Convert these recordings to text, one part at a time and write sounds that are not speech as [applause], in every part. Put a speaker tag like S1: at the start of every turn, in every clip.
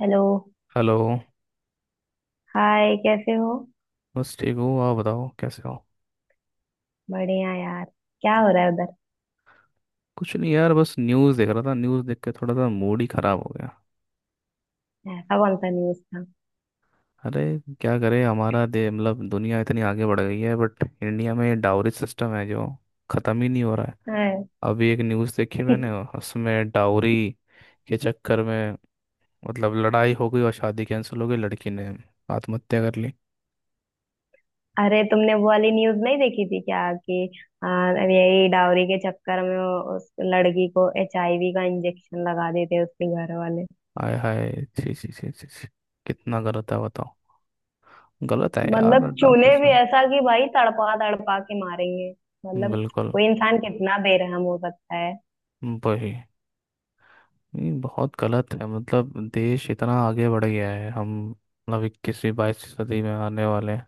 S1: Hello.
S2: Hello.
S1: Hi, कैसे हो।
S2: बस ठीक हूँ, आप बताओ कैसे हो।
S1: बढ़िया यार। क्या हो रहा है उधर।
S2: कुछ नहीं यार, बस न्यूज़ देख रहा था। न्यूज़ देख के थोड़ा सा मूड ही ख़राब हो गया।
S1: ऐसा कौन सा न्यूज़ था।
S2: अरे क्या करे हमारा दे मतलब दुनिया इतनी आगे बढ़ गई है बट इंडिया में डाउरी सिस्टम है जो ख़त्म ही नहीं हो रहा है।
S1: अरे।
S2: अभी एक न्यूज़ देखी मैंने।
S1: [laughs]
S2: उसमें डाउरी के चक्कर में मतलब लड़ाई हो गई और शादी कैंसिल हो गई, लड़की ने आत्महत्या कर ली।
S1: अरे, तुमने वो वाली न्यूज़ नहीं देखी थी क्या कि आ, यही डाउरी के चक्कर में उस लड़की को एचआईवी का इंजेक्शन लगा देते हैं उसके घर वाले।
S2: आय हाय, छी छी छी छी छी, कितना गलत है बताओ। गलत है
S1: मतलब
S2: यार डाउरी
S1: चूने भी
S2: सिस्टम।
S1: ऐसा कि भाई तड़पा तड़पा के मारेंगे। मतलब
S2: बिल्कुल।
S1: कोई इंसान कितना बेरहम हो सकता है।
S2: वही। ये बहुत गलत है, मतलब देश इतना आगे बढ़ गया है, हम मतलब 21वीं 22वीं सदी में आने वाले हैं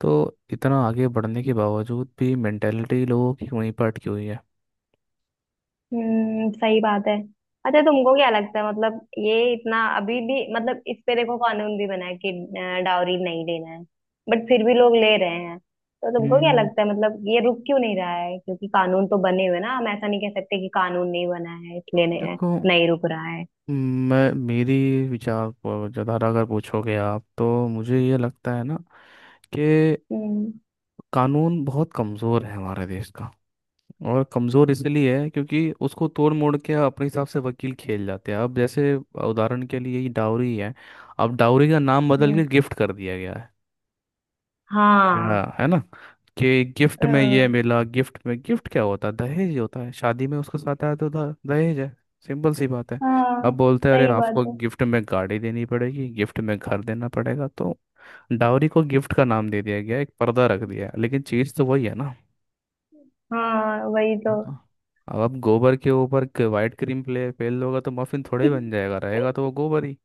S2: तो इतना आगे बढ़ने के बावजूद भी मेंटेलिटी लोगों की वहीं पर अटकी हुई है।
S1: हम्म, सही बात है। अच्छा, तुमको क्या लगता है मतलब ये इतना अभी भी, मतलब इस पे देखो कानून भी बना है कि डाउरी नहीं लेना है। बट फिर भी लोग ले रहे हैं तो तुमको क्या
S2: हम्म,
S1: लगता है मतलब ये रुक क्यों नहीं रहा है। क्योंकि कानून तो बने हुए हैं ना, हम ऐसा नहीं कह सकते कि कानून नहीं बना है, इसलिए नहीं,
S2: देखो
S1: नहीं रुक रहा है।
S2: मैं मेरी विचार पर ज़्यादा अगर पूछोगे आप तो मुझे ये लगता है ना कि
S1: हम्म।
S2: कानून बहुत कमज़ोर है हमारे देश का। और कमज़ोर इसलिए है क्योंकि उसको तोड़ मोड़ के अपने हिसाब से वकील खेल जाते हैं। अब जैसे उदाहरण के लिए ये डाउरी है। अब डाउरी का नाम बदल के
S1: हम्म।
S2: गिफ्ट कर दिया गया है, या
S1: हाँ।
S2: है ना, कि गिफ्ट
S1: अ,
S2: में ये मिला, गिफ्ट में। गिफ्ट क्या होता है? दहेज ही होता है, शादी में उसके साथ आया तो दहेज है। सिंपल सी बात है। अब
S1: हाँ।
S2: बोलते हैं अरे
S1: सही बात
S2: आपको
S1: है।
S2: गिफ्ट में गाड़ी देनी पड़ेगी, गिफ्ट में घर देना पड़ेगा। तो डाउरी को गिफ्ट का नाम दे दिया गया है, एक पर्दा रख दिया है लेकिन चीज़ तो वही है ना।
S1: हाँ, वही तो।
S2: हाँ तो अब आप गोबर के ऊपर वाइट क्रीम प्ले फेल होगा तो मफिन थोड़े ही बन जाएगा, रहेगा तो
S1: [laughs]
S2: वो गोबर ही।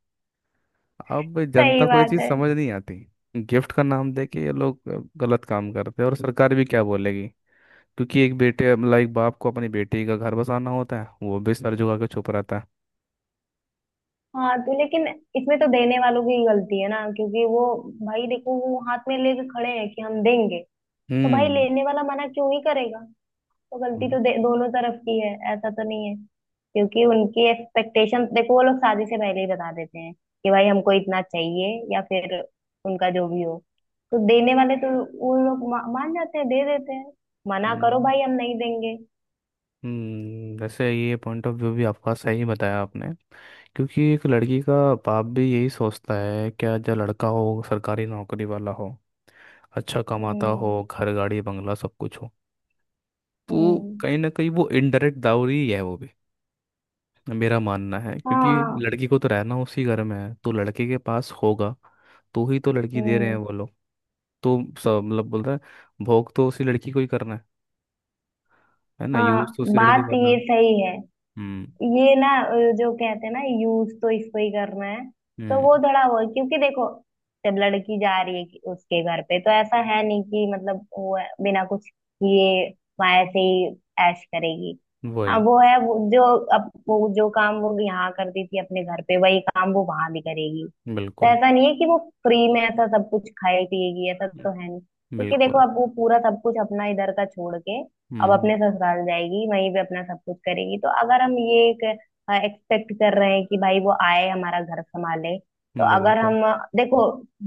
S2: अब
S1: सही
S2: जनता को ये
S1: बात
S2: चीज़
S1: है।
S2: समझ नहीं आती। गिफ्ट का नाम देके ये लोग गलत काम करते हैं, और सरकार भी क्या बोलेगी, क्योंकि एक बेटे मतलब एक बाप को अपनी बेटी का घर बसाना होता है, वो भी सर झुका के चुप रहता है।
S1: हाँ तो लेकिन इसमें तो देने वालों की गलती है ना, क्योंकि वो, भाई देखो वो हाथ में लेके खड़े हैं कि हम देंगे। तो भाई
S2: हम्म।
S1: लेने वाला मना क्यों ही करेगा। तो गलती
S2: हम्म।
S1: तो दोनों तरफ की है, ऐसा तो नहीं है। क्योंकि उनकी एक्सपेक्टेशन देखो, वो लोग शादी से पहले ही बता देते हैं कि भाई हमको इतना चाहिए या फिर उनका जो भी हो। तो देने वाले तो, वो लोग मान जाते हैं, दे देते हैं। मना करो
S2: हम्म।
S1: भाई हम नहीं देंगे।
S2: वैसे ये पॉइंट ऑफ व्यू भी आपका सही बताया आपने। क्योंकि एक लड़की का बाप भी यही सोचता है क्या, जो लड़का हो सरकारी नौकरी वाला हो, अच्छा कमाता हो,
S1: हम्म।
S2: घर गाड़ी बंगला सब कुछ हो। तो
S1: हम्म।
S2: कहीं ना कहीं वो इनडायरेक्ट दावरी ही है वो भी। मेरा मानना है, क्योंकि
S1: हाँ।
S2: लड़की को तो रहना उसी घर में है, तो लड़के के पास होगा तो ही तो लड़की दे रहे हैं
S1: हम्म।
S2: वो लोग। तो सब मतलब बोलता है भोग तो उसी लड़की को ही करना है ना,
S1: हाँ,
S2: यूज तो उसी लड़की को
S1: बात
S2: करना
S1: ये
S2: है।
S1: सही है।
S2: हम्म।
S1: ये ना जो कहते हैं ना यूज तो इसको ही करना है। तो
S2: हम्म।
S1: वो थोड़ा वो, क्योंकि देखो, जब लड़की जा रही है उसके घर पे तो ऐसा है नहीं कि मतलब वो है, बिना कुछ किए वहां से ही ऐश करेगी। हाँ,
S2: वही।
S1: वो है, वो जो, अब वो जो काम वो यहाँ करती थी अपने घर पे, वही काम वो वहां भी करेगी। तो
S2: बिल्कुल।
S1: ऐसा नहीं है कि वो फ्री में ऐसा सब कुछ खाए पिएगी, ऐसा तो है नहीं। क्योंकि देखो
S2: बिल्कुल।
S1: अब वो पूरा सब कुछ अपना इधर का छोड़ के अब
S2: हम्म।
S1: अपने ससुराल जाएगी, वहीं पे अपना सब कुछ करेगी। तो अगर हम ये एक एक्सपेक्ट कर रहे हैं कि भाई वो आए हमारा घर संभाले, तो अगर
S2: बिल्कुल।
S1: हम देखो,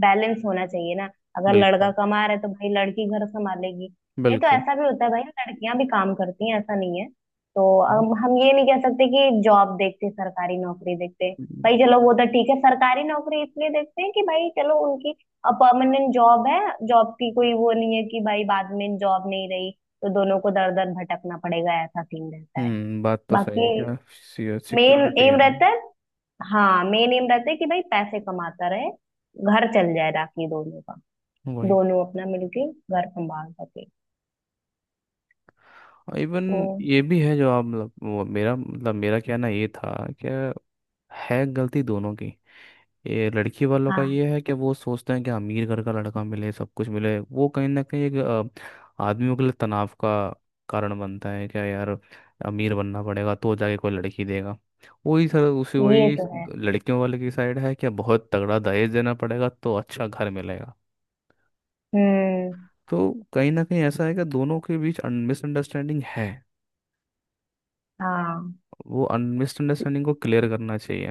S1: बैलेंस होना चाहिए ना। अगर लड़का
S2: बिल्कुल।
S1: कमा रहा है तो भाई लड़की घर संभालेगी, नहीं तो
S2: बिल्कुल।
S1: ऐसा भी होता है भाई लड़कियां भी काम करती हैं, ऐसा नहीं है तो।
S2: हम्म।
S1: हम ये नहीं कह सकते कि जॉब देखते, सरकारी नौकरी देखते। भाई चलो वो तो ठीक है, सरकारी नौकरी इसलिए देखते हैं कि भाई चलो उनकी परमानेंट जॉब है, जॉब की कोई वो नहीं है कि भाई बाद में जॉब नहीं रही तो दोनों को दर दर भटकना पड़ेगा, ऐसा सीन रहता है।
S2: बात तो सही
S1: बाकी
S2: है क्या।
S1: मेन
S2: सिक्योरिटी
S1: एम
S2: है ना।
S1: रहता है। हाँ, मेन एम रहता है कि भाई पैसे कमाता रहे, घर चल जाए राखी दोनों का,
S2: वही।
S1: दोनों अपना मिलके घर संभाल सके
S2: इवन
S1: तो।
S2: ये भी है, जो आप मतलब वो मेरा मतलब मेरा कहना ये था कि है गलती दोनों की। ये लड़की वालों का
S1: हाँ,
S2: ये है कि वो सोचते हैं कि अमीर घर का लड़का मिले, सब कुछ मिले। वो कहीं ना कहीं एक आदमियों के लिए तनाव का कारण बनता है क्या यार। अमीर बनना पड़ेगा तो जाके कोई लड़की देगा। वही सर, उसी
S1: ये
S2: वही
S1: तो है।
S2: लड़कियों वाले की साइड है क्या, बहुत तगड़ा दहेज देना पड़ेगा तो अच्छा घर मिलेगा।
S1: हम्म।
S2: तो कहीं ना कहीं ऐसा है कि दोनों के बीच मिसअंडरस्टैंडिंग है।
S1: हाँ,
S2: वो मिसअंडरस्टैंडिंग को क्लियर करना चाहिए।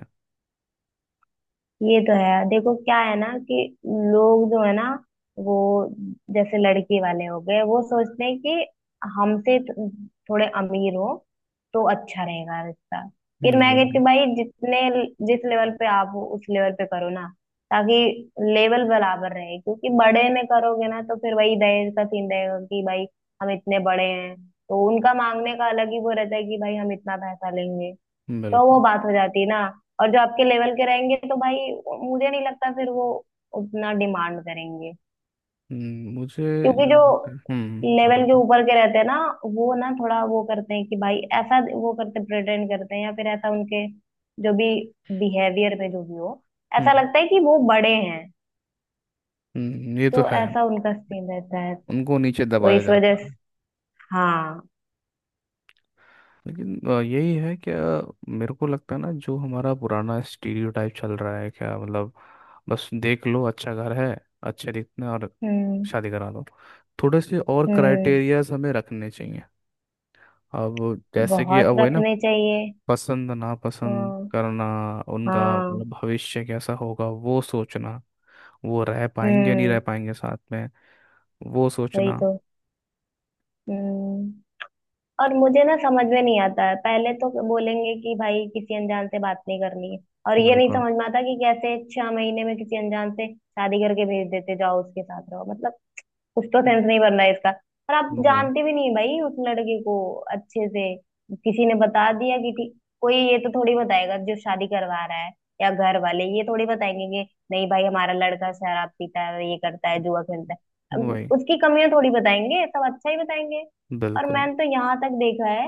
S1: ये तो है, देखो क्या है ना कि लोग जो है ना, वो जैसे लड़के वाले हो गए वो सोचते हैं कि हमसे थोड़े अमीर हो तो अच्छा रहेगा रिश्ता। फिर मैं कहती
S2: एग्जैक्टली।
S1: हूँ, भाई जितने जिस लेवल पे आप हो, उस लेवल पे करो ना ताकि लेवल बराबर रहे। क्योंकि बड़े में करोगे ना, तो फिर वही दहेज का सीन रहेगा कि भाई हम इतने बड़े हैं, तो उनका मांगने का अलग ही वो रहता है कि भाई हम इतना पैसा लेंगे, तो वो
S2: बिल्कुल।
S1: बात हो जाती है ना। और जो आपके लेवल के रहेंगे तो भाई, मुझे नहीं लगता फिर वो उतना डिमांड करेंगे।
S2: मुझे
S1: क्योंकि
S2: जो
S1: जो
S2: लगता है-
S1: लेवल
S2: मतलब
S1: के
S2: तो।
S1: ऊपर के रहते हैं ना, वो ना थोड़ा वो करते हैं कि भाई ऐसा, वो करते प्रेटेंड करते हैं या फिर ऐसा उनके जो भी बिहेवियर में जो भी हो, ऐसा
S2: हम्म।
S1: लगता है कि वो बड़े हैं।
S2: ये तो
S1: तो
S2: है।
S1: ऐसा उनका सीन रहता है,
S2: उनको नीचे
S1: तो
S2: दबाया
S1: इस वजह
S2: जाता
S1: से।
S2: है।
S1: हाँ।
S2: लेकिन यही है क्या, मेरे को लगता है ना जो हमारा पुराना स्टीरियोटाइप चल रहा है क्या, मतलब बस देख लो अच्छा घर है, अच्छे दिखते हैं और
S1: हम्म।
S2: शादी करा दो। थोड़े से और
S1: हम्म,
S2: क्राइटेरियाज हमें रखने चाहिए। अब जैसे कि
S1: बहुत
S2: अब वही ना,
S1: रखने चाहिए।
S2: पसंद नापसंद
S1: हाँ।
S2: करना, उनका
S1: हाँ।
S2: मतलब भविष्य कैसा होगा वो सोचना, वो रह पाएंगे या नहीं रह
S1: हम्म,
S2: पाएंगे साथ में, वो
S1: वही
S2: सोचना।
S1: तो। हम्म। और मुझे ना समझ में नहीं आता है, पहले तो बोलेंगे कि भाई किसी अनजान से बात नहीं करनी है, और ये नहीं
S2: बिल्कुल।
S1: समझ में आता कि कैसे 6 महीने में किसी अनजान से शादी करके भेज देते, जाओ उसके साथ रहो। मतलब कुछ तो सेंस नहीं बन रहा है इसका। और आप
S2: वो
S1: जानते भी नहीं भाई उस लड़के को अच्छे से, किसी ने बता दिया कि ठीक। कोई ये तो थोड़ी बताएगा जो शादी करवा रहा है, या घर वाले ये थोड़ी बताएंगे कि नहीं भाई हमारा लड़का शराब पीता है, ये करता है, जुआ खेलता है। अब
S2: वही।
S1: उसकी कमियां थोड़ी बताएंगे, सब अच्छा ही बताएंगे। और
S2: बिल्कुल।
S1: मैंने तो यहाँ तक देखा है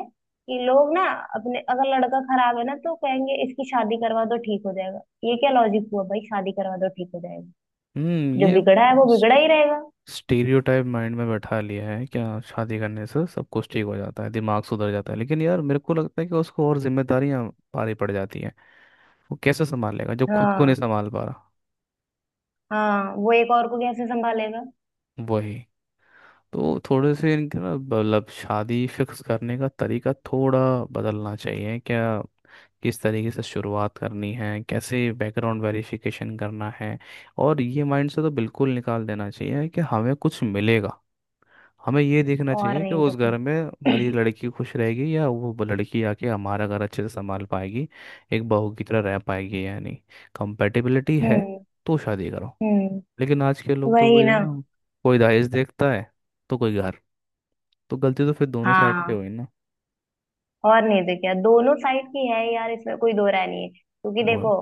S1: कि लोग ना अपने, अगर लड़का खराब है ना तो कहेंगे इसकी शादी करवा दो ठीक हो जाएगा। ये क्या लॉजिक हुआ भाई, शादी करवा दो ठीक हो जाएगा।
S2: हम्म,
S1: जो
S2: ये
S1: बिगड़ा है वो बिगड़ा ही रहेगा।
S2: स्टीरियोटाइप माइंड में बैठा लिया है क्या, शादी करने से सब कुछ ठीक हो जाता है, दिमाग सुधर जाता है। लेकिन यार मेरे को लगता है कि उसको और जिम्मेदारियां भारी पड़ जाती हैं। वो कैसे संभालेगा जो खुद को नहीं
S1: हाँ।
S2: संभाल पा रहा।
S1: हाँ, वो एक और को कैसे संभालेगा।
S2: वही। तो थोड़े से इनके ना मतलब शादी फिक्स करने का तरीका थोड़ा बदलना चाहिए क्या। किस तरीके से शुरुआत करनी है, कैसे बैकग्राउंड वेरिफिकेशन करना है। और ये माइंड से तो बिल्कुल निकाल देना चाहिए कि हमें कुछ मिलेगा। हमें ये देखना
S1: और
S2: चाहिए कि
S1: नहीं तो
S2: उस
S1: क्या।
S2: घर में हमारी
S1: [clears throat]
S2: लड़की खुश रहेगी, या वो लड़की आके हमारा घर अच्छे से संभाल पाएगी, एक बहू की तरह रह पाएगी या नहीं, कंपेटिबिलिटी है
S1: हम्म।
S2: तो शादी करो।
S1: हम्म,
S2: लेकिन आज के लोग तो
S1: वही
S2: वही है
S1: ना।
S2: ना, कोई दहेज देखता है तो कोई घर। तो गलती तो फिर दोनों साइड पे
S1: हाँ।
S2: हुई ना।
S1: और नहीं तो क्या, दोनों साइड की है यार, इसमें कोई दो राय नहीं है। क्योंकि
S2: वो।
S1: देखो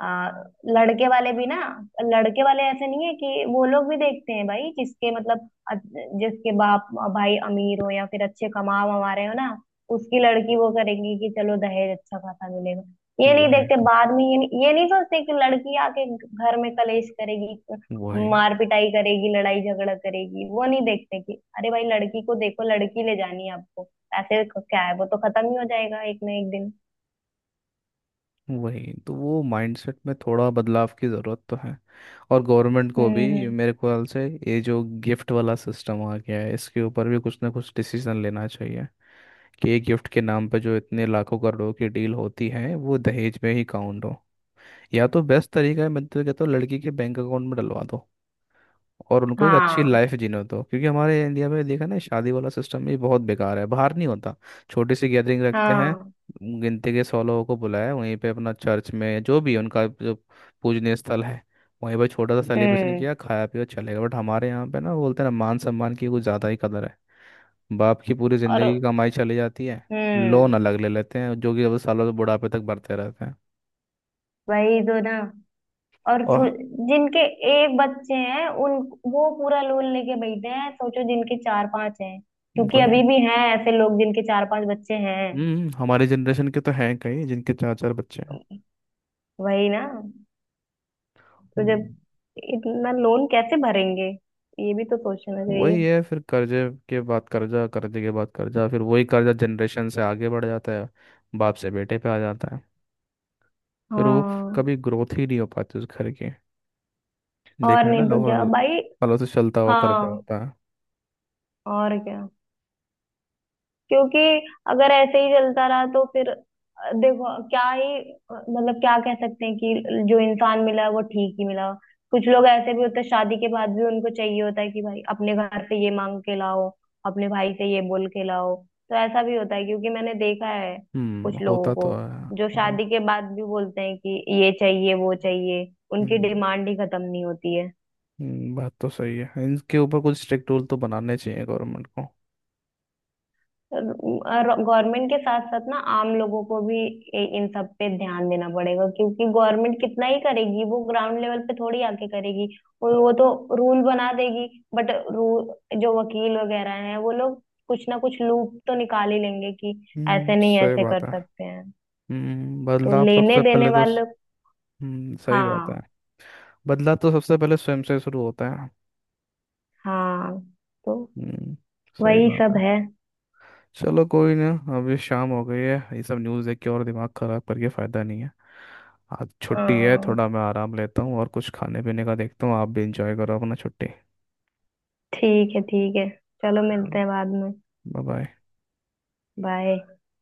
S1: आ, लड़के वाले भी ना, लड़के वाले ऐसे नहीं है कि, वो लोग भी देखते हैं भाई जिसके मतलब जिसके बाप भाई अमीर हो या फिर अच्छे कमा वमा रहे हो ना, उसकी लड़की, वो करेगी कि चलो दहेज अच्छा खासा मिलेगा। ये नहीं
S2: वही।
S1: देखते बाद में, ये नहीं सोचते कि लड़की आके घर में कलेश करेगी,
S2: वही।
S1: मार पिटाई करेगी, लड़ाई झगड़ा करेगी। वो नहीं देखते कि अरे भाई लड़की को देखो, लड़की ले जानी है आपको। ऐसे को क्या है, वो तो खत्म ही हो जाएगा एक ना एक दिन।
S2: वही तो, वो माइंडसेट में थोड़ा बदलाव की ज़रूरत तो है। और गवर्नमेंट को भी
S1: हम्म।
S2: मेरे ख्याल से ये जो गिफ्ट वाला सिस्टम आ गया है, इसके ऊपर भी कुछ ना कुछ डिसीजन लेना चाहिए, कि एक गिफ्ट के नाम पे जो इतने लाखों करोड़ों की डील होती है वो दहेज में ही काउंट हो। या तो बेस्ट तरीका है, मैं तो कहता हूँ लड़की के बैंक अकाउंट में डलवा दो, और उनको एक अच्छी
S1: हाँ।
S2: लाइफ जीने दो। क्योंकि हमारे इंडिया में देखा ना, शादी वाला सिस्टम, ये बहुत बेकार है, बाहर नहीं होता। छोटी सी गैदरिंग रखते हैं,
S1: हाँ।
S2: गिनती के 100 लोगों को बुलाया, वहीं पे अपना चर्च में जो भी उनका जो पूजनीय स्थल है, वहीं पर छोटा सा सेलिब्रेशन
S1: हम्म।
S2: किया, खाया पिया, चलेगा। बट हमारे यहाँ पे ना बोलते हैं ना, मान सम्मान की कुछ ज़्यादा ही कदर है। बाप की पूरी ज़िंदगी की
S1: और।
S2: कमाई चली जाती है।
S1: हम्म,
S2: लोन अलग ले लेते हैं जो कि अब सालों से बुढ़ापे तक भरते रहते हैं।
S1: वही तो ना। और
S2: और
S1: जिनके एक बच्चे हैं उन, वो पूरा लोन लेके बैठे हैं, सोचो जिनके 4-5 हैं। क्योंकि
S2: कोई।
S1: अभी भी हैं ऐसे लोग जिनके 4-5 बच्चे हैं।
S2: हम्म। हमारी जनरेशन के तो हैं कई जिनके चार चार बच्चे हैं।
S1: वही ना। तो
S2: हम्म।
S1: जब इतना लोन कैसे भरेंगे, ये भी तो सोचना चाहिए।
S2: वही है, फिर कर्जे के बाद कर्जा, कर्जे के बाद कर्जा, फिर वही कर्जा जनरेशन से आगे बढ़ जाता है, बाप से बेटे पे आ जाता है। फिर वो
S1: हाँ,
S2: कभी ग्रोथ ही नहीं हो पाती उस घर की।
S1: और
S2: देखा है
S1: नहीं
S2: ना,
S1: तो
S2: लोहा
S1: क्या भाई।
S2: पलों से चलता हुआ कर्जा
S1: हाँ,
S2: होता है।
S1: और क्या, क्योंकि अगर ऐसे ही चलता रहा तो फिर देखो, क्या ही मतलब क्या कह सकते हैं कि जो इंसान मिला वो ठीक ही मिला। कुछ लोग ऐसे भी होते हैं, शादी के बाद भी उनको चाहिए होता है कि भाई अपने घर से ये मांग के लाओ, अपने भाई से ये बोल के लाओ। तो ऐसा भी होता है क्योंकि मैंने देखा है
S2: हम्म,
S1: कुछ लोगों
S2: होता तो
S1: को,
S2: है।
S1: जो
S2: हो-
S1: शादी के बाद भी बोलते हैं कि ये चाहिए वो चाहिए। उनकी
S2: हम्म।
S1: डिमांड ही खत्म नहीं होती है।
S2: बात तो सही है, इनके ऊपर कुछ स्ट्रिक्ट रूल तो बनाने चाहिए गवर्नमेंट को।
S1: गवर्नमेंट के साथ साथ ना आम लोगों को भी इन सब पे ध्यान देना पड़ेगा, क्योंकि गवर्नमेंट कितना ही करेगी, वो ग्राउंड लेवल पे थोड़ी आके करेगी। वो तो रूल बना देगी, बट रूल, जो वकील वगैरह हैं वो लोग कुछ ना कुछ लूप तो निकाल ही लेंगे कि
S2: हम्म,
S1: ऐसे नहीं,
S2: सही
S1: ऐसे कर
S2: बात है।
S1: सकते हैं।
S2: हम्म,
S1: तो
S2: बदलाव
S1: लेने
S2: सबसे
S1: देने
S2: पहले तो।
S1: वाले।
S2: हम्म, सही बात है।
S1: हाँ।
S2: बदलाव तो सबसे पहले स्वयं से शुरू होता है।
S1: हाँ, तो
S2: हम्म। सही
S1: वही
S2: बात
S1: सब
S2: है।
S1: है।
S2: चलो कोई ना, अभी शाम हो गई है, ये सब न्यूज़ देख के और दिमाग ख़राब करके फ़ायदा नहीं है। आज छुट्टी है,
S1: हाँ,
S2: थोड़ा मैं आराम लेता हूँ और कुछ खाने पीने का देखता हूँ। आप भी इंजॉय करो अपना छुट्टी।
S1: ठीक है, ठीक है, चलो मिलते हैं बाद में।
S2: Bye bye.
S1: बाय।